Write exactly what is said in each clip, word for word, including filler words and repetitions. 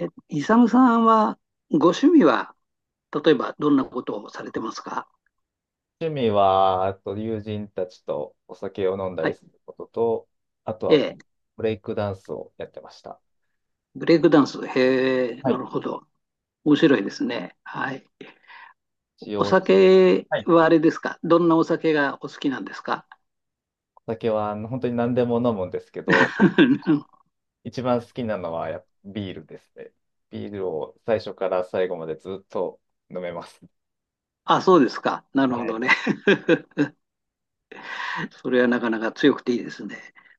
え、イサムさんは、ご趣味は、例えばどんなことをされてますか？趣味は、あと友人たちとお酒を飲んだはりい。することと、あとえはえ、ブレイクダンスをやってました。ブレイクダンス。へえ、はない。るほど。面白いですね。はい。一お応、酒はい。はあれですか？どんなお酒がお好きなんですか？ お酒はあの本当に何でも飲むんですけど、一番好きなのはやっぱビールですね。ビールを最初から最後までずっと飲めます。あ、そうですか。なるほはい。どね。それはなかなか強くていいですね。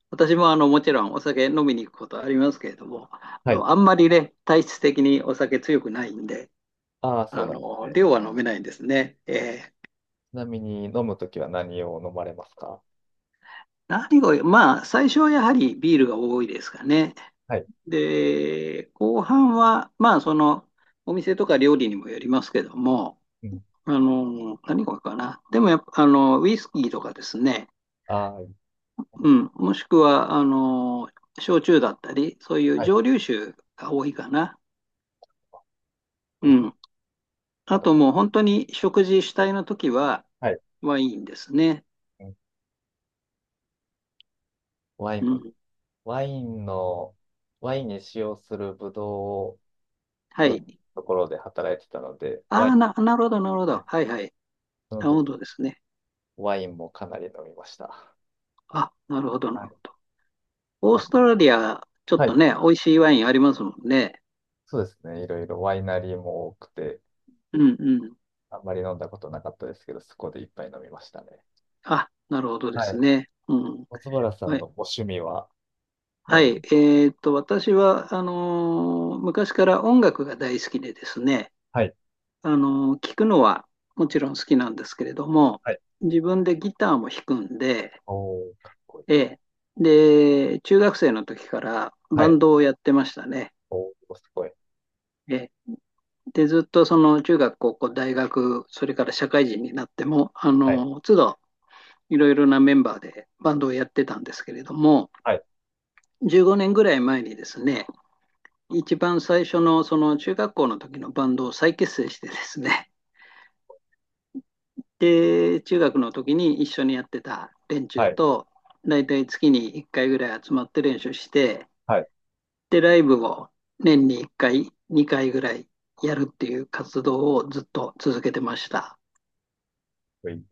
私もあのもちろんお酒飲みに行くことありますけれども、あはい。の、あんまりね、体質的にお酒強くないんで、ああ、そうあなんですの、ね。量は飲めないんですね。ええちなみに飲むときは何を飲まれますか？何が多い、まあ、最初はやはりビールが多いですかね。はい。で、後半は、まあ、その、お店とか料理にもよりますけども、うん。あの、何が多いかな。でもやっぱ、あの、ウイスキーとかですね、あうん、もしくは、あの、焼酎だったり、そういあ、うはい。蒸留酒が多いかな。ウイうスキーん。まあたともう本当に食事主体の時は、はい。ワインですね。うん。ワイうン、ん。ワインの、ワインに使用するブドウをは取い。るところで働いてたので、あワイあ、ン、な、なるほど、なるほはど。い。はいはい。そのなる時、ほどですね。ワインもかなり飲みました。あ、なるほど、なはるほい。ど。オーまストラリア、ちょっはとい、ね、美味しいワインありますもんね。そうですね。いろいろワイナリーも多くて、うんうん。あんまり飲んだことなかったですけど、そこでいっぱい飲みましたね。あ、なるほどではすい。ね。うん。松原さはんい。のご趣味ははい。何？えーっと、私は、あのー昔から音楽が大好きでですね、はい。あのー聞くのはもちろん好きなんですけれども、はい。自分でギターも弾くんで、おー、かっこいい。ええ。で、中学生の時からはバい。ンドをやってましたね。おー、すごい。ええ。で、ずっとその中学、高校、大学、それから社会人になっても、あはい。のー都度いろいろなメンバーでバンドをやってたんですけれども、はい。じゅうごねんぐらい前にですね、一番最初のその中学校の時のバンドを再結成してですね、で、中学の時に一緒にやってた連は中い。と、だいたい月にいっかいぐらい集まって練習して、はい。かっで、ライブを年にいっかい、にかいぐらいやるっていう活動をずっと続けてました。こいい。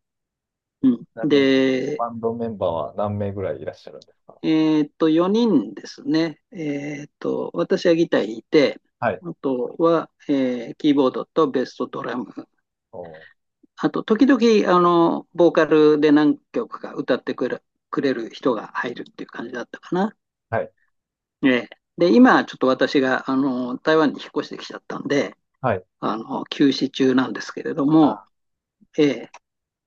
うん。ちなみに、で、バンドメンバーは何名ぐらいいらっしゃるんですか？えーっと、よにんですね。えーっと、私はギター弾いて、はい。あとは、えーキーボードとベースとドラム。おー。あと、時々、あの、ボーカルで何曲か歌ってくれる、くれる人が入るっていう感じだったかな。はい。ええ。で、今、ちょっと私が、あの、台湾に引っ越してきちゃったんで、はい。あの、休止中なんですけれども、あ、ええ。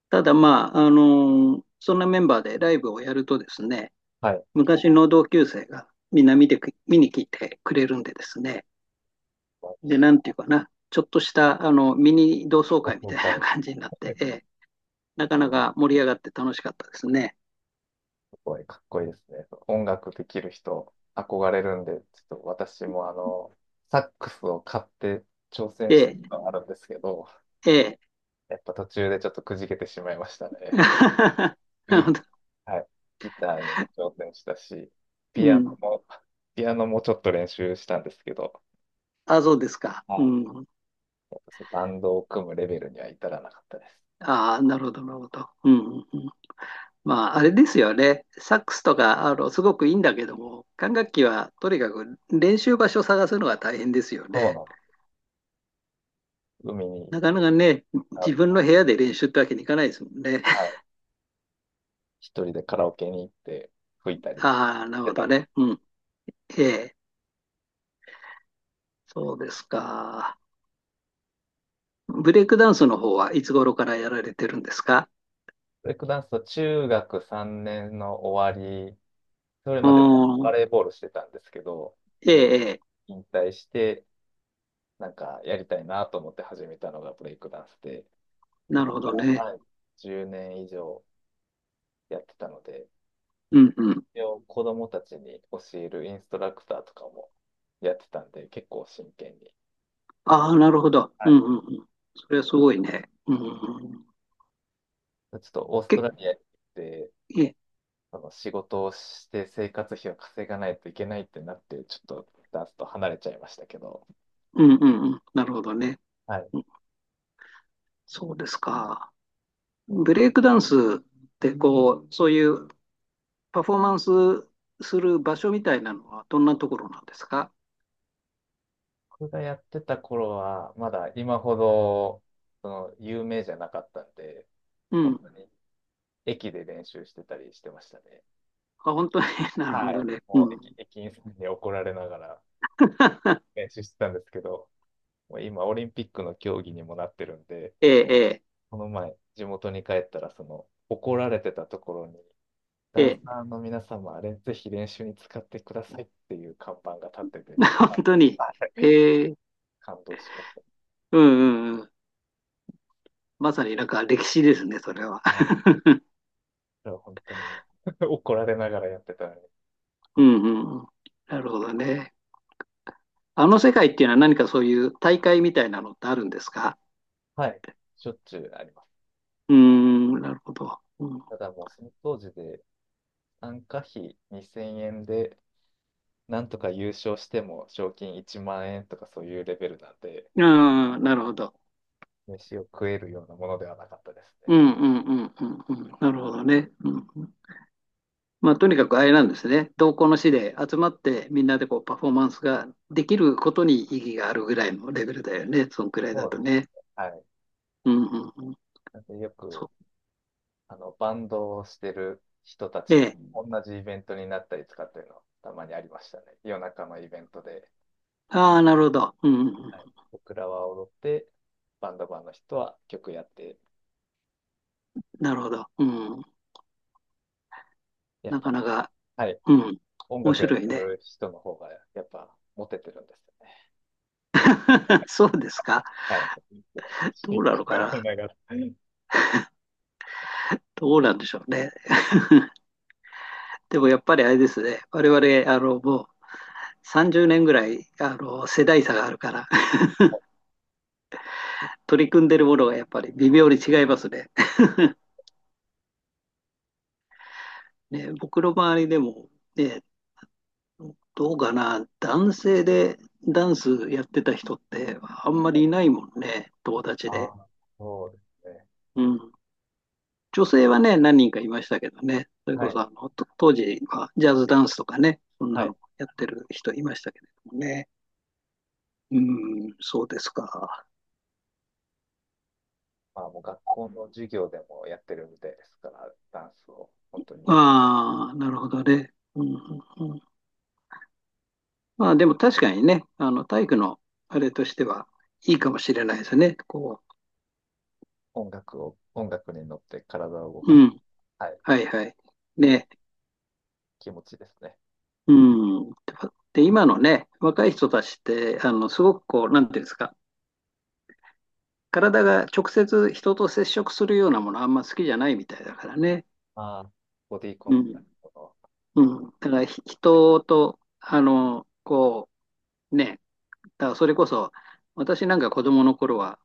ただ、まあ、あの、そんなメンバーでライブをやるとですね、はい。昔の同級生がみんな見てく、見に来てくれるんでですね。まあで、なんていうかな、ちょっとしたあのミニ同窓会み僕たいがな感じになって、結ええ、なかなか盛り上がって楽しかったですね。構これかっこいいですね。音楽できる人、憧れるんで、ちょっと私もあの、サックスを買って挑戦えしたこえ、とがあるんですけど、ええ。やっぱ途中でちょっとくじけてしまいました ね。なるほ ど。はい。ギターにも挑戦したし、うピアノん。も、ピアノもちょっと練習したんですけど、あ、そうですか。はうい。ん。やっぱそのバンドを組むレベルには至らなかったです。ああ、なるほど、なるほど。うん、うんうん。まあ、あれですよね。サックスとか、あの、すごくいいんだけども、管楽器はとにかく練習場所探すのが大変ですよそうね。なんです。海に行っなかなて、かね、あ、自分の部屋で練習ってわけにいかないですもんね。は い。一人でカラオケに行って吹いたりしああ、なるてほどた。ね。うん。ええ、そうですか。ブレイクダンスの方はいつ頃からやられてるんですか？ブレイクダンスは中学さんねんの終わり、それうまでーバん。レーボールしてたんですけど、そえれえ、ええ、引退して、なんかやりたいなと思って始めたのがブレイクダンスで、そなこるほかどら、ね。はい、じゅうねん以上やってたので、うんうん。一応子供たちに教えるインストラクターとかもやってたんで、結構真剣に。ああ、なるほど。はうい、んうんうん。それはすごいね。うんうんうん。ちょっとオーストけ、ラリアに行って、ええ、その仕事をして生活費を稼がないといけないってなって、ちょっとダンスと離れちゃいましたけど、うんうんうん。なるほどね。はい。うん。そうですか。ブレイクダンスってこう、そういうパフォーマンスする場所みたいなのはどんなところなんですか？僕がやってた頃は、まだ今ほど、その、有名じゃなかったんで、う本ん。当に駅で練習してたりしてましたね。あ、本当に、なるほはどい。ね。うもう駅、ん。駅員さんに怒られながら 練習してたんですけど、もう今オリンピックの競技にもなってるんで、ええ、この前地元に帰ったら、その、怒られてたところにええ、ダンええ。サーの皆様、あれ、ぜひ練習に使ってくださいっていう看板が立ってて、ちょっ と本当に。あええ、感動しました。うんうんうん。まさになんか歴史ですね、それは。はい。それは本当に 怒られながらやってたのに。うんうんうん。なるほどね。あの世界っていうのは何かそういう大会みたいなのってあるんですか？はい。しょっちゅうあります。うーん、なるほど。うん、ただもうその当時で参加費にせんえんで、なんとか優勝しても賞金いちまん円とかそういうレベルなんで、あー、なるほど。飯を食えるようなものではなかったですうんね。うんうんうんうん。なるほどね。うん。まあ、とにかくあれなんですね。同行の士で集まってみんなでこうパフォーマンスができることに意義があるぐらいのレベルだよね。そのくらいそだうでとす。ね。はい。うんうんうん。なんでよくそあの、バンドをしてる人たう。えちとえ。同じイベントになったりとかっていうのはたまにありましたね。夜中のイベントで、ああ、なるほど。うんうんうん。はい、僕らは踊って、バンドマンの人は曲やって、なるほど。うん。やっなぱ、かなか、はい、うん。音面楽や白っいてね。る人の方がやっぱモテてるんですよね。そうですか。はい。楽しどういななのとか思いな。ながら。どうなんでしょうね。でもやっぱりあれですね。我々、あの、もうさんじゅうねんぐらい、あの、世代差があるから、取り組んでるものがやっぱり微妙に違いますね。ね、僕の周りでも、ね、どうかな、男性でダンスやってた人ってあんまりいないもんね、友達あで。あ、そうですね。うん。女性はね、何人かいましたけどね、それはこそい。あの、と当時はジャズダンスとかね、そんはない。のやってる人いましたけれどもね。うん、そうですか。まあもう学校の授業でもやってるみたいですから、ダンスを、本当にああ、なるほどね。うん、うんうん。まあでも確かにね、あの、体育のあれとしてはいいかもしれないですね。こ音楽を、音楽に乗って体を動う、かうす。ん、はい。はいはい。というね。気持ちですね。うん。で、今のね、若い人たちって、あの、すごくこう、なんていうんですか、体が直接人と接触するようなものあんま好きじゃないみたいだからね。ああ、ボディコうンタん。クトの、うん。だからひね。人と、あの、こう、ね、だからそれこそ、私なんか子供の頃は、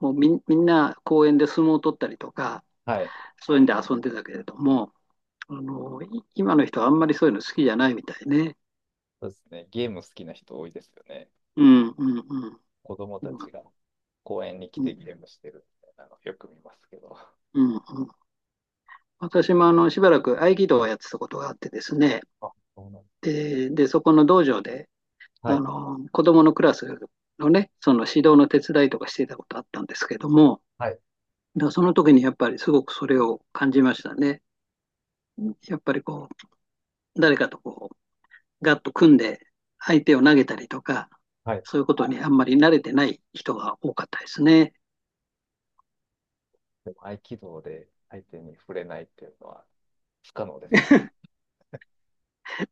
もうみん、みんな公園で相撲を取ったりとか、はい。そういうんで遊んでたけれども、あの、い今の人はあんまりそういうの好きじゃないみたいね。そうですね。ゲーム好きな人多いですよね。うん、うん、うん。子供たうちん、が公園に来うてん、ゲームしてるみたいなのよく見ますけど。うん。うん。私もあのしばらく合気道をやってたことがあってですね、あ、そうなんです。で、でそこの道場ではあい。の子どものクラスのね、その指導の手伝いとかしていたことあったんですけども、はい。だからその時にやっぱりすごくそれを感じましたね。やっぱりこう、誰かとこう、ガッと組んで相手を投げたりとか、はい。そういうことにあんまり慣れてない人が多かったですね。でも合気道で相手に触れないっていうのは不可能ですよね。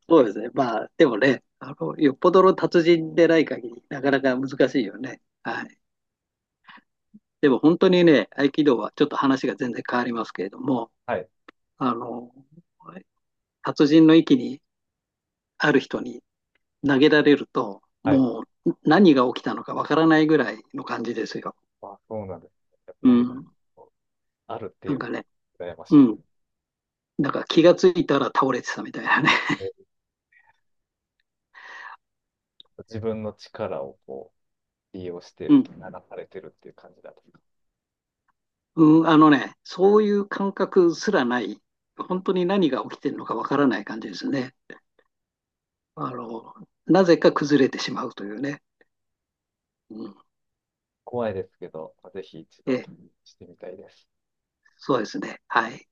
そうですね。まあ、でもね、あの、よっぽどの達人でない限り、なかなか難しいよね。はい。でも本当にね、合気道はちょっと話が全然変わりますけれども、はい。あの、達人の域にある人に投げられると、はい。もう何が起きたのかわからないぐらいの感じですよ。あ、そうなんです。やっうぱ投げたらん。あるってないんうのかね、が羨ましういでん。す。だから気がついたら倒れてたみたいなね。自分の力をこう利用してうん。受け流されてるっていう感じだと。うん、あのね、そういう感覚すらない、本当に何が起きてるのかわからない感じですね。あの、なぜか崩れてしまうというね。うん、怖いですけど、ぜひ一度え、気にしてみたいです。そうですね。はい。